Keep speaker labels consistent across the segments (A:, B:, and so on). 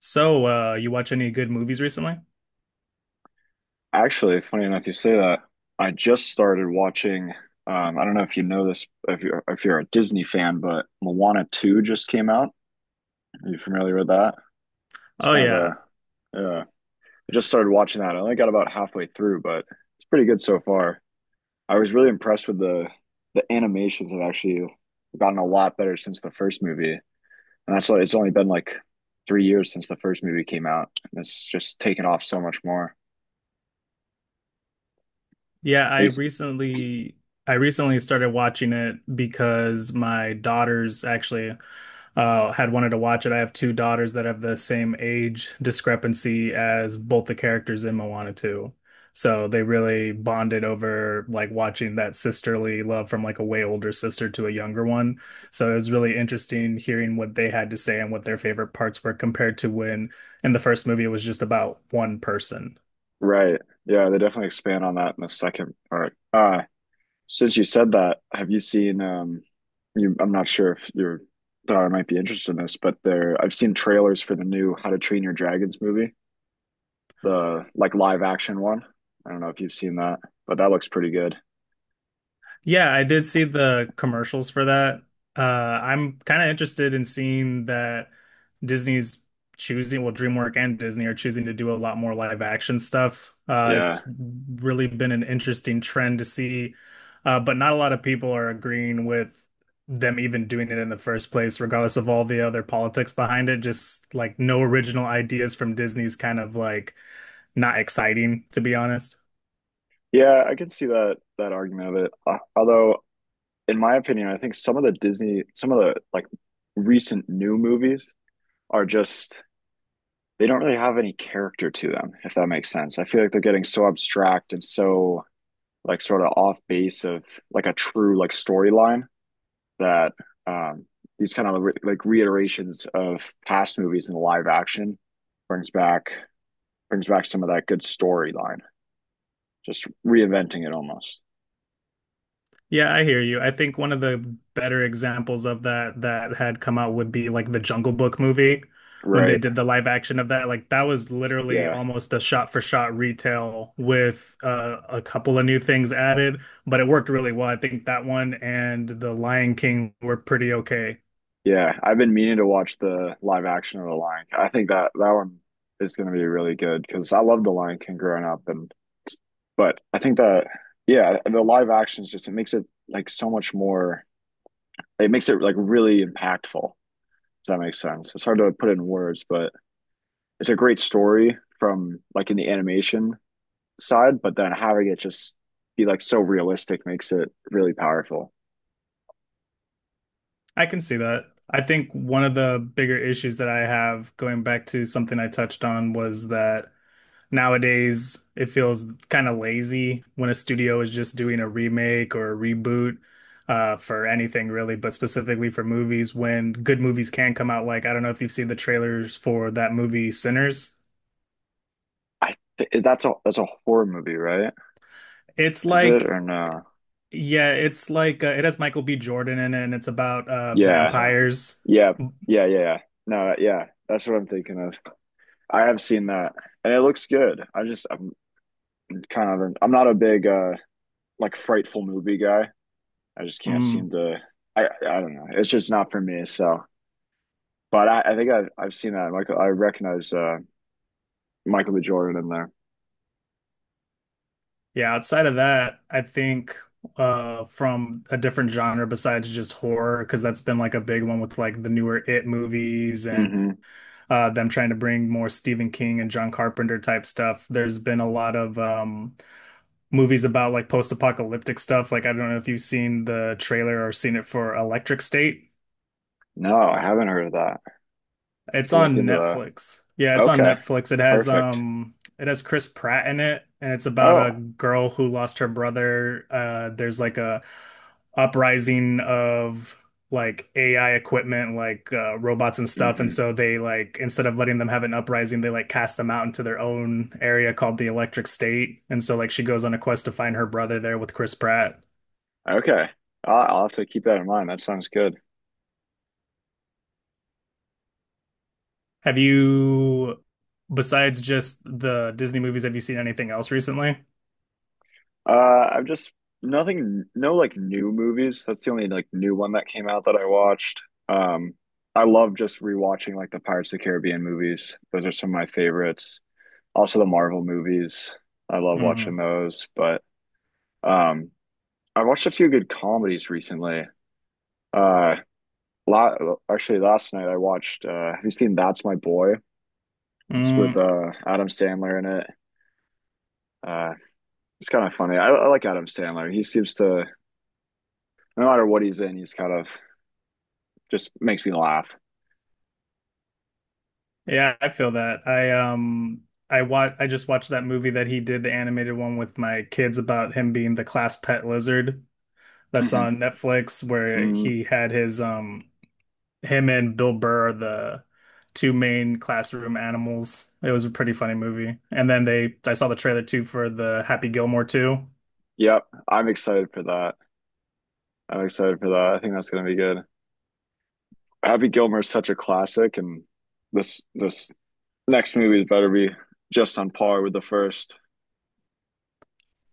A: So, you watch any good movies recently?
B: Actually, funny enough, you say that. I just started watching. I don't know if you know this, if you're a Disney fan, but Moana 2 just came out. Are you familiar with that? It's
A: Oh
B: kind of
A: yeah.
B: a, yeah. I just started watching that. I only got about halfway through, but it's pretty good so far. I was really impressed with the animations have actually gotten a lot better since the first movie, and that's why it's only been like 3 years since the first movie came out, and it's just taken off so much more.
A: Yeah,
B: Are
A: I
B: you?
A: recently I recently started watching it because my daughter's actually had wanted to watch it. I have two daughters that have the same age discrepancy as both the characters in Moana 2. So they really bonded over like watching that sisterly love from like a way older sister to a younger one. So it was really interesting hearing what they had to say and what their favorite parts were compared to when in the first movie it was just about one person.
B: Right. Yeah, they definitely expand on that in the second part. Since you said that, have you seen you I'm not sure if your daughter might be interested in this, but there I've seen trailers for the new How to Train Your Dragons movie, the like live action one. I don't know if you've seen that, but that looks pretty good.
A: Yeah, I did see the commercials for that. I'm kind of interested in seeing that Disney's choosing, well, DreamWorks and Disney are choosing to do a lot more live action stuff.
B: Yeah.
A: It's really been an interesting trend to see, but not a lot of people are agreeing with them even doing it in the first place, regardless of all the other politics behind it. Just like no original ideas from Disney's kind of like not exciting, to be honest.
B: Yeah, I can see that that argument of it. Although in my opinion, I think some of the Disney some of the like recent new movies are just they don't really have any character to them, if that makes sense. I feel like they're getting so abstract and so like sort of off base of like a true like storyline that um these kind of like reiterations of past movies in the live action brings back brings back some of that good storyline, just reinventing it almost.
A: Yeah, I hear you. I think one of the better examples of that that had come out would be like the Jungle Book movie when they
B: Right.
A: did the live action of that. Like that was literally
B: Yeah.
A: almost a shot for shot retell with a couple of new things added, but it worked really well. I think that one and The Lion King were pretty okay.
B: Yeah, I've been meaning to watch the live action of The Lion King. I think that that one is going to be really good because I loved The Lion King growing up. And But I think that yeah, the live actions just it makes it like so much more. It makes it like really impactful. Does that make sense? It's hard to put it in words, but it's a great story from like in the animation side. But then having it just be like so realistic makes it really powerful.
A: I can see that. I think one of the bigger issues that I have going back to something I touched on was that. Nowadays, it feels kind of lazy when a studio is just doing a remake or a reboot for anything really, but specifically for movies when good movies can come out. Like, I don't know if you've seen the trailers for that movie Sinners.
B: Is that's a horror movie, right?
A: It's
B: Is it
A: like,
B: or no?
A: yeah, it's like it has Michael B. Jordan in it, and it's about
B: Yeah. Yeah,
A: vampires.
B: yeah, yeah, yeah, yeah. No, yeah, that's what I'm thinking of. I have seen that, and it looks good. I just I'm kind of I'm not a big like frightful movie guy. I just can't seem
A: Mm,
B: to. I don't know. It's just not for me. So, but I think I've seen that. Michael, I recognize Michael B. Jordan in there.
A: yeah, outside of that, I think from a different genre besides just horror, because that's been like a big one with like the newer It movies and
B: Hmm.
A: them trying to bring more Stephen King and John Carpenter type stuff. There's been a lot of movies about like post-apocalyptic stuff. Like I don't know if you've seen the trailer or seen it for Electric State.
B: No, I haven't heard of that. I have
A: It's
B: to look
A: on
B: into that.
A: Netflix. Yeah, it's on
B: Okay,
A: Netflix.
B: perfect.
A: It has Chris Pratt in it and it's about a
B: Oh,
A: girl who lost her brother. There's like a uprising of like AI equipment like robots and stuff and
B: hmm,
A: so they like instead of letting them have an uprising they like cast them out into their own area called the Electric State and so like she goes on a quest to find her brother there with Chris Pratt.
B: okay. I'll have to keep that in mind. That sounds good.
A: Have you Besides just the Disney movies have you seen anything else recently?
B: I've just nothing, no like new movies. That's the only like new one that came out that I watched. Um, I love just rewatching like the Pirates of the Caribbean movies. Those are some of my favorites. Also the Marvel movies. I love watching
A: Mhm.
B: those. But um I watched a few good comedies recently. Uh la Actually last night I watched have you seen That's My Boy? It's
A: Mm,
B: with Adam Sandler in it. Uh it's kind of funny. I like Adam Sandler. He seems to no matter what he's in, he's kind of just makes me laugh.
A: yeah, I feel that. I wa I just watched that movie that he did, the animated one with my kids about him being the class pet lizard that's
B: Mhm.
A: on Netflix where
B: Mm,
A: he had his him and Bill Burr are the two main classroom animals. It was a pretty funny movie. And then they I saw the trailer too for the Happy Gilmore 2.
B: yep, I'm excited for that. I'm excited for that. I think that's gonna be good. Happy Gilmore is such a classic, and this next movie better be just on par with the 1st.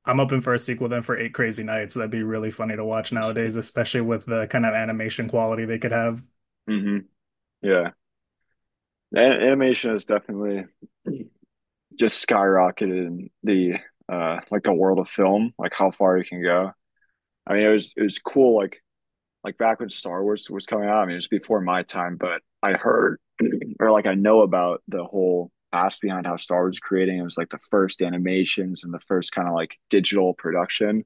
A: I'm hoping for a sequel then for Eight Crazy Nights. That'd be really funny to watch nowadays, especially with the kind of animation quality they could have.
B: Mm-hmm. Yeah, animation has definitely just skyrocketed in the like the world of film, like how far you can go. I mean, it was cool. Like back when Star Wars was coming out. I mean, it was before my time, but I heard or like I know about the whole past behind how Star Wars was creating. It was like the first animations and the first kind of like digital production.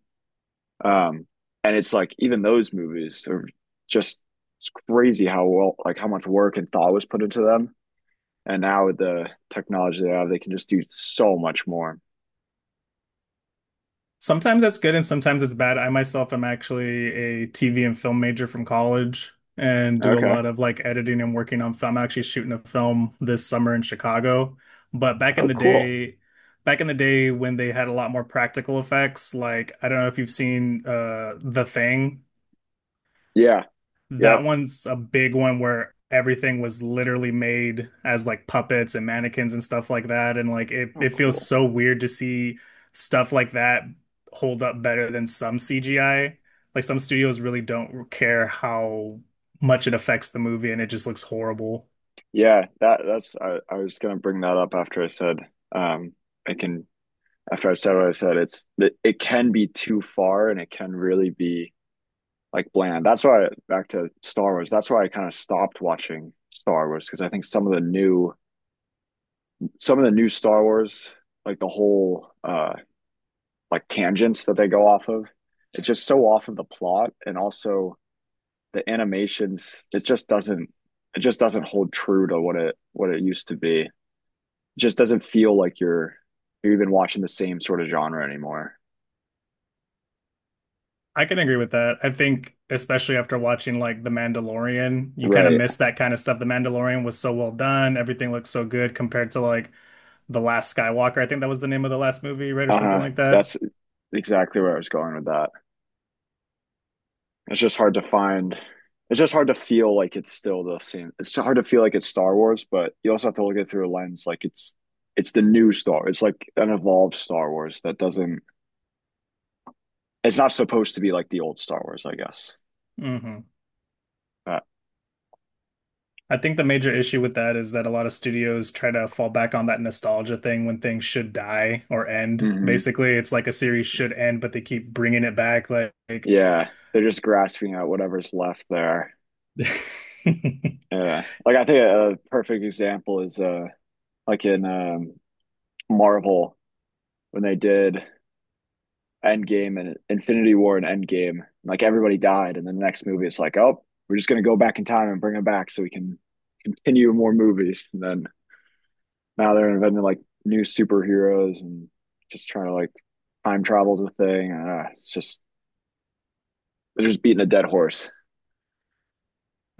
B: Um, and it's like even those movies are just it's crazy how well like how much work and thought was put into them. And now with the technology they have, they can just do so much more.
A: Sometimes that's good and sometimes it's bad. I myself am actually a TV and film major from college and do a
B: Okay.
A: lot of like editing and working on film. I'm actually shooting a film this summer in Chicago. But back in
B: Oh,
A: the
B: cool.
A: day, when they had a lot more practical effects, like I don't know if you've seen The Thing.
B: Yeah. Yep.
A: That one's a big one where everything was literally made as like puppets and mannequins and stuff like that. And like
B: Oh,
A: it feels
B: cool.
A: so weird to see stuff like that hold up better than some CGI. Like some studios really don't care how much it affects the movie and it just looks horrible.
B: Yeah. That's I was gonna bring that up after I said um I can after I said what I said. It's it can be too far and it can really be like bland. That's why back to Star Wars. That's why I kind of stopped watching Star Wars because I think some of the new some of the new Star Wars, like the whole like tangents that they go off of, it's just so off of the plot and also the animations, it just doesn't hold true to what it used to be. It just doesn't feel like you're even watching the same sort of genre anymore.
A: I can agree with that. I think especially after watching like The Mandalorian, you kind of
B: Right.
A: miss that kind of stuff. The Mandalorian was so well done, everything looked so good compared to like The Last Skywalker, I think that was the name of the last movie, right? Or something
B: Uh-huh.
A: like that.
B: That's exactly where I was going with that. It's just hard to find. It's just hard to feel like it's still the same. It's hard to feel like it's Star Wars, but you also have to look at it through a lens like it's the new Star. It's like an evolved Star Wars that doesn't. It's not supposed to be like the old Star Wars, I guess.
A: hmm
B: But
A: I think the major issue with that is that a lot of studios try to fall back on that nostalgia thing when things should die or end.
B: hmm,
A: Basically, it's like a series should end, but they keep bringing it back. Like,
B: yeah, they're just grasping at whatever's left there. Yeah, like I think a perfect example is like in Marvel when they did Endgame and Infinity War and Endgame. Like everybody died, and then the next movie it's like, oh, we're just gonna go back in time and bring them back so we can continue more movies. And then now they're inventing like new superheroes and just trying to like time travel's a thing. It's just they're just beating a dead horse,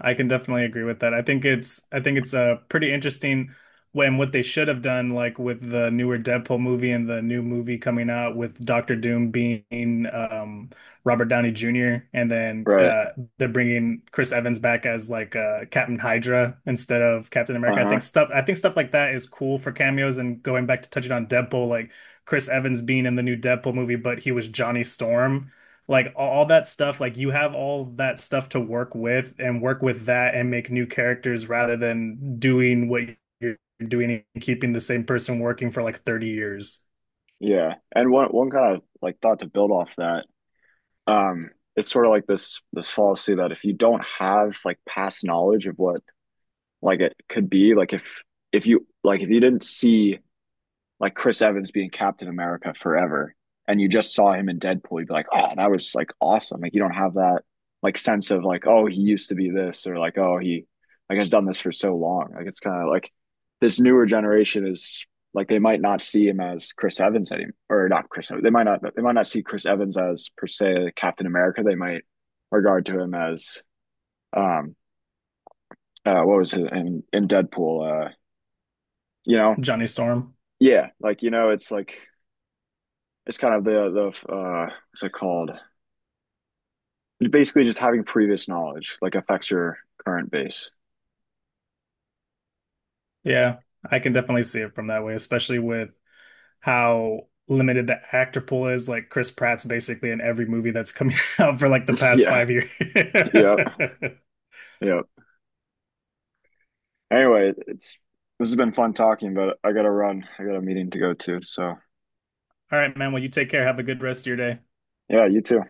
A: I can definitely agree with that. I think it's pretty interesting when what they should have done, like with the newer Deadpool movie and the new movie coming out with Doctor Doom being Robert Downey Jr. and then
B: right?
A: they're bringing Chris Evans back as like Captain Hydra instead of Captain
B: Uh
A: America.
B: huh.
A: I think stuff like that is cool for cameos and going back to touching on Deadpool, like Chris Evans being in the new Deadpool movie, but he was Johnny Storm like all, that stuff like you have all that stuff to work with and work with that and make new characters rather than doing what you're doing and keeping the same person working for like 30 years.
B: Yeah. And one kind of like thought to build off that. Um, it's sort of like this fallacy that if you don't have like past knowledge of what like it could be like if you like if you didn't see like Chris Evans being Captain America forever and you just saw him in Deadpool, you'd be like, oh, that was like awesome. Like you don't have that like sense of like, oh, he used to be this or like, oh, he like has done this for so long. Like it's kind of like this newer generation is like they might not see him as Chris Evans anymore or not Chris Evans. They might not see Chris Evans as per se Captain America. They might regard to him as um what was it in Deadpool, you know,
A: Johnny Storm,
B: yeah, like you know it's like it's kind of the what's it called, basically just having previous knowledge like affects your current base.
A: yeah, I can definitely see it from that way, especially with how limited the actor pool is. Like Chris Pratt's basically in every movie that's coming out for like the past
B: Yeah,
A: 5 years.
B: yeah, yeah, anyway it's this has been fun talking but I gotta run I got a meeting to go to so
A: All right, man, well, you take care, have a good rest of your day.
B: yeah you too